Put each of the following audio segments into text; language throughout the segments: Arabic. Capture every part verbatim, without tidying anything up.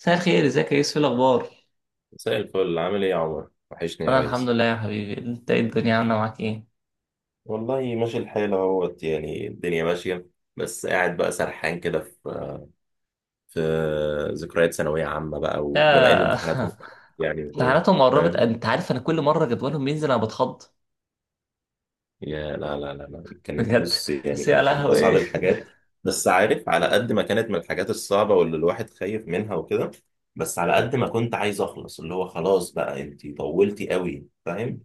مساء الخير، ازيك يا يوسف؟ إيه الاخبار؟ مساء الفل، عامل ايه يا عمر؟ وحشني يا انا الحمد ريس. لله يا حبيبي. انت ايه؟ الدنيا عامله معاك ايه؟ والله ماشي الحال اهوت، يعني الدنيا ماشية. بس قاعد بقى سرحان كده في في ذكريات ثانوية عامة، بقى وبما ان يا امتحاناتهم يعني وكده، امتحاناتهم قربت. فاهم؟ انت عارف، انا كل مره جدولهم بينزل انا بتخض. يا لا لا لا لا، كانت بجد. بص، يعني بس يا كانت من لهوي، اصعب ايه؟ الحاجات. بس عارف على قد ما كانت من الحاجات الصعبة واللي الواحد خايف منها وكده، بس على قد ما كنت عايز اخلص، اللي هو خلاص بقى انت طولتي قوي، فاهم؟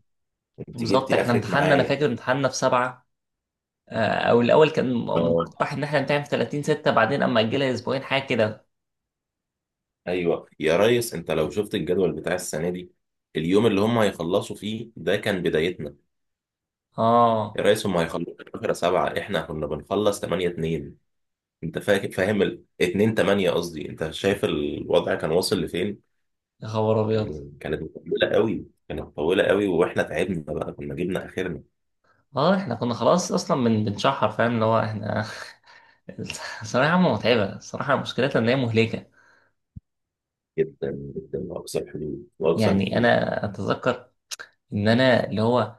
انت بالظبط. جبتي احنا اخرك امتحاننا، انا معايا. فاكر امتحاننا في سبعة. آه، او الاول كان مقترح ان احنا نمتحن في ثلاثين سته، بعدين اما اجلها اسبوعين، حاجه كده. ايوه يا ريس، انت لو شفت الجدول بتاع السنه دي، اليوم اللي هم هيخلصوا فيه ده كان بدايتنا. يا اه، ريس هم هيخلصوا اتناشر سبعة، احنا كنا بنخلص تمانية اتنين. انت فاكر، فاهم ال اتنين تمانية، قصدي انت شايف الوضع كان واصل لفين. يا خبر ابيض! كان كانت مطولة قوي، كانت طويله قوي، واحنا تعبنا بقى، كنا جبنا اخرنا. اه، احنا كنا خلاص اصلا من بنشحر، فاهم؟ اللي هو احنا الصراحه، عامه متعبه. الصراحه مشكلتها ان هي مهلكه. جدا، جدا واقصى الحدود، واقصى يعني الحدود. انا اتذكر ان انا اللي هو،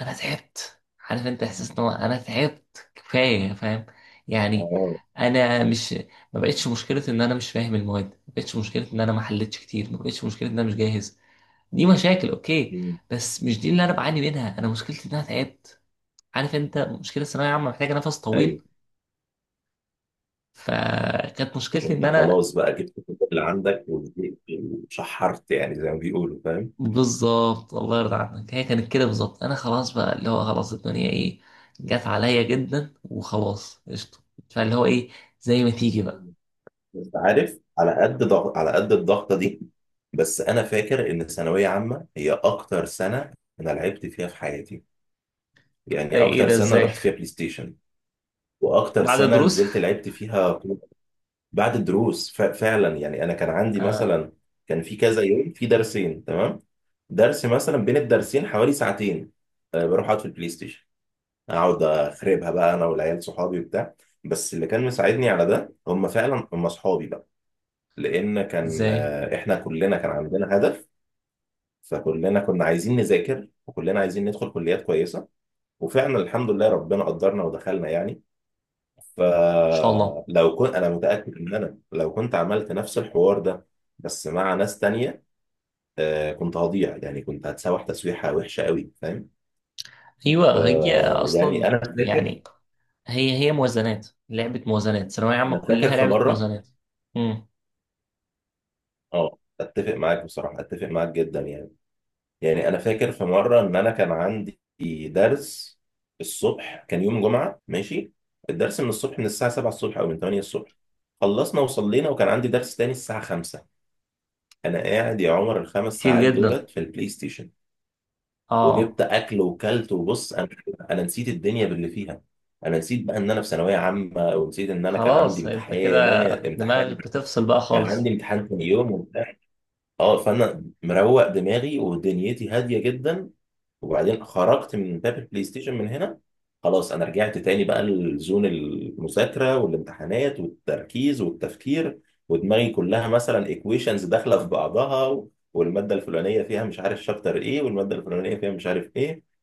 انا تعبت. عارف انت احساس ان هو انا تعبت كفايه؟ فاهم؟ يعني اه. انا مش ما بقتش مشكله ان انا مش فاهم المواد، ما بقتش مشكله ان انا ما حلتش كتير، ما بقتش مشكله ان انا مش جاهز. دي مشاكل، اوكي، مم. بس مش دي اللي انا بعاني منها. انا مشكلتي ان انا تعبت. عارف انت، مشكله الثانويه عامه محتاجه نفس ايوه. طويل. فكانت مشكلتي ان وانت انا خلاص بقى جبت كل اللي عندك، وشحرت يعني زي ما بيقولوا، فاهم؟ بالظبط. الله يرضى عنك. هي كانت كده بالظبط. انا خلاص بقى، اللي هو خلاص، الدنيا ايه جت عليا جدا، وخلاص قشطه. فاللي هو ايه، زي ما تيجي بقى. بس عارف على قد ضغط، على قد الضغطه دي. بس انا فاكر ان ثانويه عامه هي اكتر سنه انا لعبت فيها في حياتي، يعني اي، ايه اكتر ده؟ سنه ازاي؟ رحت فيها بلاي ستيشن، واكتر بعد سنه الدروس. نزلت لعبت فيها كورة. بعد الدروس، ف- فعلا يعني انا كان عندي آه، مثلا كان في كذا يوم في درسين، تمام؟ درس مثلا بين الدرسين حوالي ساعتين، آه، بروح اقعد في البلاي ستيشن، اقعد اخربها بقى انا والعيال صحابي وبتاع. بس اللي كان مساعدني على ده هم فعلا هم صحابي بقى، لان كان ازاي ان آه، احنا كلنا كان عندنا هدف. فكلنا كنا عايزين نذاكر، وكلنا عايزين ندخل كليات كويسه، وفعلا الحمد لله ربنا قدرنا ودخلنا يعني. شاء الله. فلو كنت انا متاكد ان انا لو كنت عملت نفس الحوار ده بس مع ناس تانية، آه، كنت هضيع، يعني كنت هتسوح تسويحه وحشه قوي، فاهم؟ ف ايوه، هي يعني اصلا انا فاكر يعني هي هي موازنات. لعبه موازنات. ثانويه عامه انا فاكر كلها في لعبه مره. موازنات. امم. اه، اتفق معاك بصراحه، اتفق معاك جدا يعني. يعني انا فاكر في مره ان انا كان عندي درس الصبح، كان يوم جمعه ماشي، الدرس من الصبح من الساعه سبعة الصبح او من تمانية الصبح. خلصنا وصلينا وكان عندي درس تاني الساعه خمسة. انا قاعد يا عمر الخمس كتير ساعات جدا. دولت في البلاي ستيشن، اه، وجبت اكل وكلت، وبص انا انا نسيت الدنيا باللي فيها. انا نسيت بقى ان انا في ثانويه عامه، ونسيت ان انا كان خلاص عندي انت كده، امتحانات دماغك امتحان بتفصل بقى كان عندي خالص. امتحان تاني يوم وبتاع. اه، فانا مروق دماغي ودنيتي هاديه جدا. وبعدين خرجت من باب البلاي ستيشن من هنا، خلاص انا رجعت تاني بقى لزون المذاكره والامتحانات والتركيز والتفكير. ودماغي كلها مثلا ايكويشنز داخله في بعضها و- والماده الفلانيه فيها مش عارف شابتر ايه، والماده الفلانيه فيها مش عارف ايه.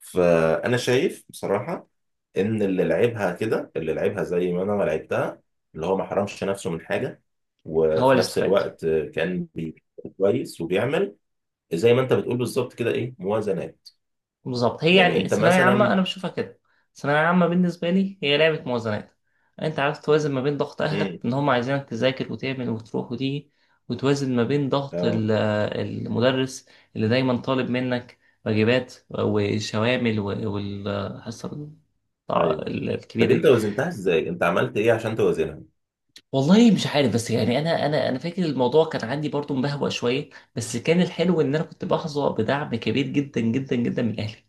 فانا شايف بصراحه ان اللي لعبها كده، اللي لعبها زي ما انا ما لعبتها، اللي هو ما حرمش نفسه من حاجه، هو وفي اللي نفس استفاد. الوقت كان بي- كويس، وبيعمل زي ما انت بتقول بالظبط كده، ايه، موازنات. بالظبط، هي يعني يعني انت الثانوية عامة مثلا. أنا بشوفها كده. الثانوية عامة بالنسبة لي هي لعبة موازنات. أنت عارف، توازن ما بين ضغط أهلك امم. إن هم عايزينك تذاكر وتعمل وتروح وتيجي، وتوازن ما بين ضغط اه. ال- المدرس، اللي دايما طالب منك واجبات وشوامل و- والحصة ايوه. ال- الكبيرة طب انت دي. وزنتها ازاي؟ انت عملت ايه عشان توزنها؟ والله مش عارف، بس يعني أنا أنا أنا فاكر الموضوع كان عندي برضو مبهوة شوية. بس كان الحلو إن أنا كنت بحظى بدعم كبير جدا جدا جدا من أهلي.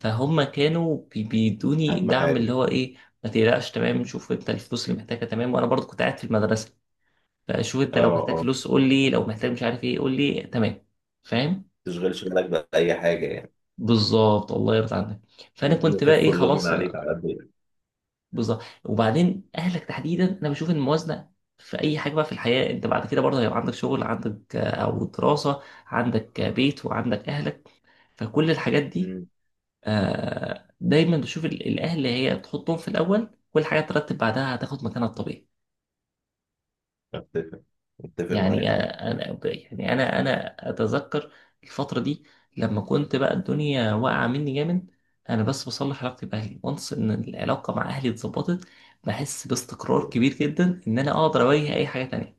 فهم كانوا بي- بيدوني اهم دعم اللي حاجه. هو ايه، ما تقلقش، تمام؟ شوف انت الفلوس اللي محتاجها، تمام؟ وانا برضو كنت قاعد في المدرسه. فشوف انت اه، لو محتاج اه، ما فلوس قول لي، لو محتاج مش عارف ايه قول لي، تمام؟ فاهم؟ تشغلش بالك باي حاجه يعني. بالظبط، الله يرضى عنك. فانا عايزين كنت بقى ايه، يخفوا اللود من خلاص. عليك آه، على قد ايه. بالظبط. وبعدين اهلك تحديدا، انا بشوف ان الموازنه في اي حاجه بقى في الحياه، انت بعد كده برضه هيبقى عندك شغل، عندك آه، او دراسه، عندك آه، بيت، وعندك اهلك. فكل الحاجات دي، امم. آه، دايما بشوف ال- الاهل هي تحطهم في الاول، كل حاجه ترتب بعدها هتاخد مكانها الطبيعي. اتفق اتفق معاك يعني عم. آه، انا ب- يعني انا انا اتذكر الفتره دي، لما كنت بقى الدنيا واقعه مني جامد، انا بس بصلح علاقتي باهلي، وانس ان العلاقه مع اهلي اتظبطت، بحس باستقرار كبير جدا ان انا اقدر اواجه اي حاجه تانية.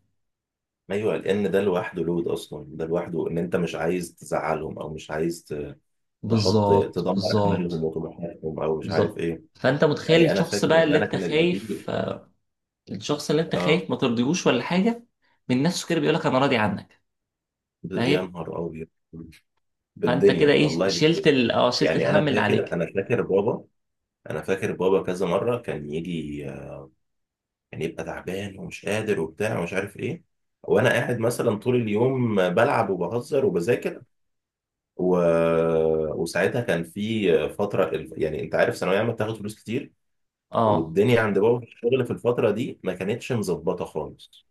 ايوه، لان ده لوحده لود اصلا، ده لوحده ان انت مش عايز تزعلهم او مش عايز ت- تحط، بالظبط، تدمر امالهم بالظبط، وطموحاتهم او مش عارف بالظبط. ايه. فانت متخيل يعني انا الشخص فاكر بقى ان اللي انا انت كان اللي بيجي. خايف آه، الشخص اللي انت اه. خايف ما ترضيهوش ولا حاجه، من نفسه كده بيقولك انا راضي عنك. ب- يا فاهم؟ نهار ابيض، فانت كده بالدنيا ايه، والله شلت بالدنيا. ال... اه شلت يعني انا الهم اللي فاكر عليك. انا فاكر بابا، انا فاكر بابا كذا مره كان يجي. كان يبقى تعبان ومش قادر وبتاع ومش عارف ايه، وانا قاعد مثلا طول اليوم بلعب وبهزر وبذاكر و... وساعتها كان في فتره الف- يعني انت عارف ثانويه عامه بتاخد فلوس كتير، اه. والدنيا عند بابا في الشغل في الفتره دي ما كانتش مظبطه خالص.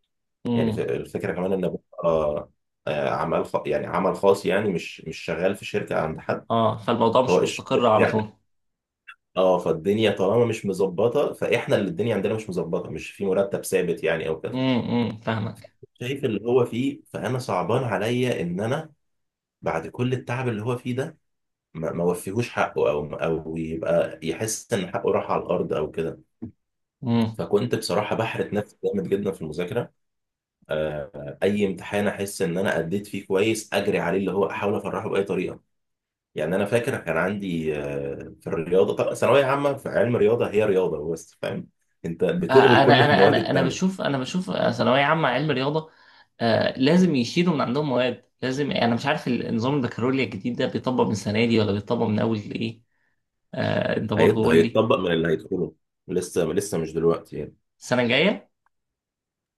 يعني ف- امم. الفكره كمان ان بابا آه، آه، عمل خ... يعني عمل خاص، يعني مش مش شغال في شركه عند حد. اه. فالموضوع هو مش الشغل مستقر على بتاعه. طول. اه، فالدنيا طالما مش مظبطه، فاحنا اللي الدنيا عندنا مش مظبطه، مش في مرتب ثابت يعني او كده. امم، امم، فاهمك. شايف اللي هو فيه، فانا صعبان عليا ان انا بعد كل التعب اللي هو فيه ده، ما ما وفيهوش حقه، او او يبقى يحس ان حقه راح على الارض او كده. امم. فكنت بصراحه بحرت نفسي جامد جدا في المذاكره. آه، اي امتحان احس ان انا اديت فيه كويس، اجري عليه اللي هو احاول افرحه باي طريقه. يعني انا فاكر كان عندي آه، في الرياضه، طب ثانويه عامه في علم الرياضه هي رياضه بس، فاهم؟ انت آه. بتلغي كل انا انا المواد انا انا بشوف، التانيه. انا بشوف آه، ثانويه عامه علم رياضه. آه، لازم يشيلوا من عندهم مواد. لازم يعني، انا مش عارف النظام البكالوريا الجديد ده بيطبق من السنه دي، ولا بيطبق من اول ايه؟ آه، انت برضو هيط- قول لي. هيتطبق من اللي هيدخله، لسه لسه مش دلوقتي يعني. السنه الجايه.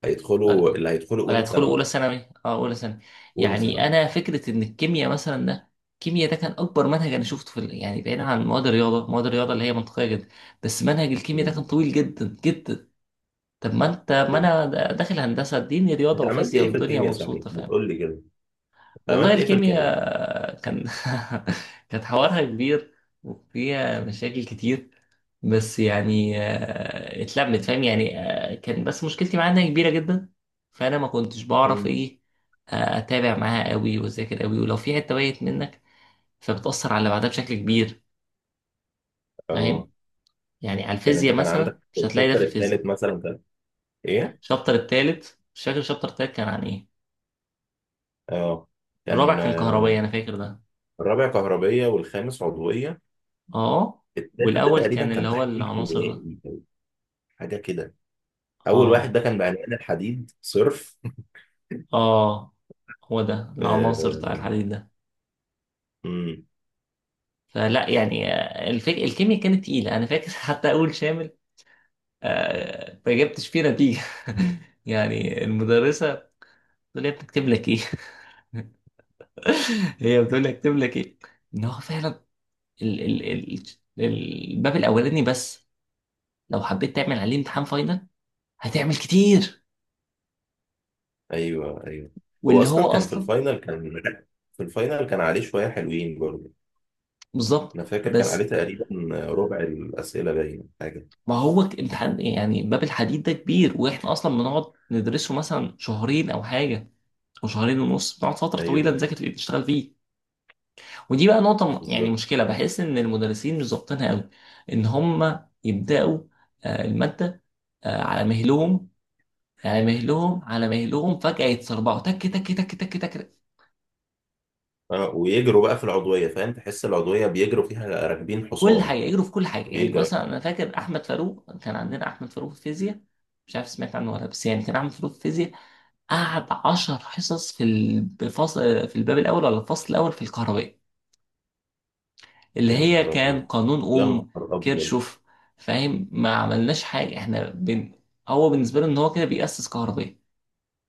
هيدخلوا ولا اللي هيدخلوا ولا اولى هيدخلوا اولى ثانوي. ثانوي؟ اه، اولى ثانوي. اولى يعني ثانوي. انا فكره ان الكيمياء مثلا، ده الكيمياء ده كان اكبر منهج انا شفته في ال- يعني بعيدا عن مواد الرياضه. مواد الرياضه اللي هي منطقيه جدا. بس منهج الكيمياء ده كان مم. طويل جدا جدا. طب ما انت ما فهمت. انا د- داخل هندسه، اديني رياضه انت عملت وفيزياء ايه في والدنيا الكيمياء صحيح؟ مبسوطه، ما فاهم؟ تقول لي كده، انت والله عملت ايه في الكيمياء؟ الكيمياء كان كانت حوارها كبير، وفيها مشاكل كتير. بس يعني آه، اتلمت، فاهم؟ يعني آه، كان بس مشكلتي معاها انها كبيره جدا. فانا ما كنتش بعرف مم. ايه آه، اتابع معاها قوي واذاكر قوي، ولو في حته بايت منك فبتاثر على اللي بعدها بشكل كبير. اه. فاهم؟ يعني على يعني انت الفيزياء كان عندك مثلا مش هتلاقي ده في الشابتر الفيزياء. الثالث مثلا، كان ايه؟ الشابتر التالت مش فاكر، الشابتر التالت كان عن ايه؟ اه، كان الرابع كان آه، كهربائي، انا فاكر ده. الرابع كهربية والخامس عضوية. اه، التالت ده والاول تقريبا كان اللي كان هو تحليل العناصر ده. كيميائي، حاجة كده. أول واحد اه، ده كان بعلقان الحديد صرف. اه، هو ده العناصر بتاع آه، الحديد ده. امم. فلا يعني آه، الفك... الكيمياء كانت تقيلة، أنا فاكر. حتى أول شامل، آه، ما جبتش فيه نتيجة. يعني المدرسة بتقول لي، يا ابني اكتب لك إيه؟ هي بتقول لي اكتب لك إيه؟ إن هو فعلا ال... ال... ال... الباب الأولاني بس، لو حبيت تعمل عليه امتحان فاينل هتعمل كتير. أيوه أيوه. هو واللي هو أصلا كان في أصلا الفاينل، كان في الفاينل كان عليه شوية حلوين برضه. بالظبط. أنا فاكر كان عليه بس تقريبا ربع الأسئلة، باينة حاجة. ما هو ك- امتحان، يعني باب الحديد ده كبير، واحنا اصلا بنقعد ندرسه مثلا شهرين او حاجه، او شهرين ونص، بنقعد فتره طويله أيوه نذاكر فيه، نشتغل فيه. ودي بقى نقطة م- يعني بالظبط. مشكلة بحس إن المدرسين مش ظابطينها قوي. إن هم يبدأوا آه، المادة آه، على مهلهم، على مهلهم، على مهلهم، فجأة يتسربعوا تك تك تك تك تك. أه، ويجروا بقى في العضوية، فاهم؟ تحس العضوية بيجروا فيها راكبين كل حاجة حصان، يجروا في كل حاجة. يعني ويجروا. مثلا أنا فاكر أحمد فاروق، كان عندنا أحمد فاروق في الفيزياء. مش عارف سمعت عنه ولا لأ، بس يعني كان أحمد فاروق في الفيزياء، قعد عشر حصص في الفصل، في الباب الأول ولا الفصل الأول في الكهرباء، اللي يا هي نهار كان أبيض، قانون يا نهار اوم، أبيض. كيرشوف. فاهم؟ ما عملناش حاجه، احنا بن... هو بالنسبه له ان هو كده بيأسس كهربية.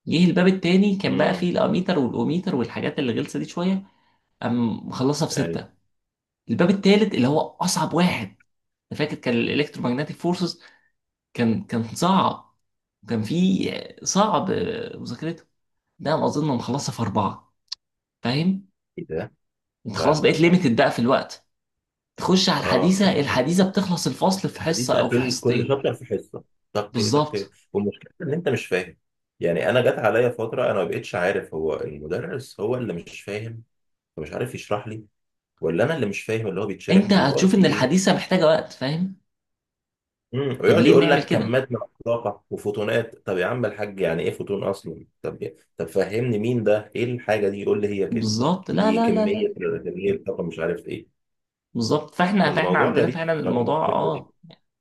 جه الباب التاني كان بقى امم. فيه الاميتر والاوميتر والحاجات اللي غلسه دي شويه، قام مخلصها أيوه. بسته! الباب التالت اللي هو اصعب واحد، انا فاكر كان الالكترومagnetic فورسز، كان كان صعب. كان فيه صعب آه، مذاكرته. ده انا اظن مخلصها في اربعه. فاهم؟ إيه ده؟ انت لا خلاص لا بقيت لا. ليميتد بقى في الوقت، تخش على اه، الحديثه، الحديثه بتخلص الفصل في حصه حديثة، او في كل كل حصتين. شابتر في حصة، طق طق، بالظبط. والمشكلة إن أنت مش فاهم. يعني أنا جت عليا فترة أنا ما بقتش عارف هو المدرس هو اللي مش فاهم فمش عارف يشرح لي، ولا أنا اللي مش فاهم اللي هو بيتشرح، انت ولا هو هتشوف في ان إيه. الحديثه محتاجه وقت، فاهم؟ امم، طب ويقعد ليه يقول بنعمل لك كده؟ كمات من الطاقة وفوتونات، طب يا عم الحاج يعني إيه فوتون أصلا؟ طب طب فهمني مين ده، إيه الحاجة دي؟ يقول لي هي كده، بالظبط، لا دي لا لا لا. كمية، كمية طاقة مش عارف إيه. بالظبط. فاحنا فاحنا فالموضوع عندنا غريب فعلا بصراحة الموضوع، في الفكرة دي. اه.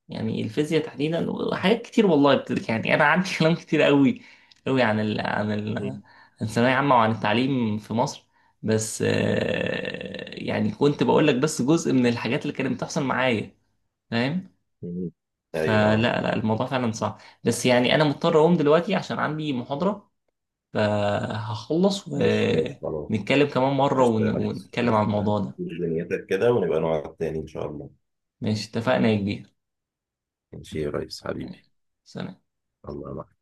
يعني الفيزياء تحديدا وحاجات كتير، والله بت- يعني انا عندي كلام كتير قوي قوي، عن ال عن ال عن مم. الثانويه عامه وعن التعليم في مصر. بس آه، يعني كنت بقول لك بس جزء من الحاجات اللي كانت بتحصل معايا. فاهم؟ مم. فلا، أيوه. لا، الموضوع فعلا صعب، بس يعني انا مضطر اقوم دلوقتي عشان عندي محاضره. فهخلص ماشي ماشي خلاص، ونتكلم كمان مرة قشطة ون- يا ريس، ونتكلم شوف عن الموضوع ده. دنيتك كده، ونبقى نقعد تاني إن شاء الله. ماشي، اتفقنا يا كبير. ماشي يا ريس حبيبي. سلام. الله معك.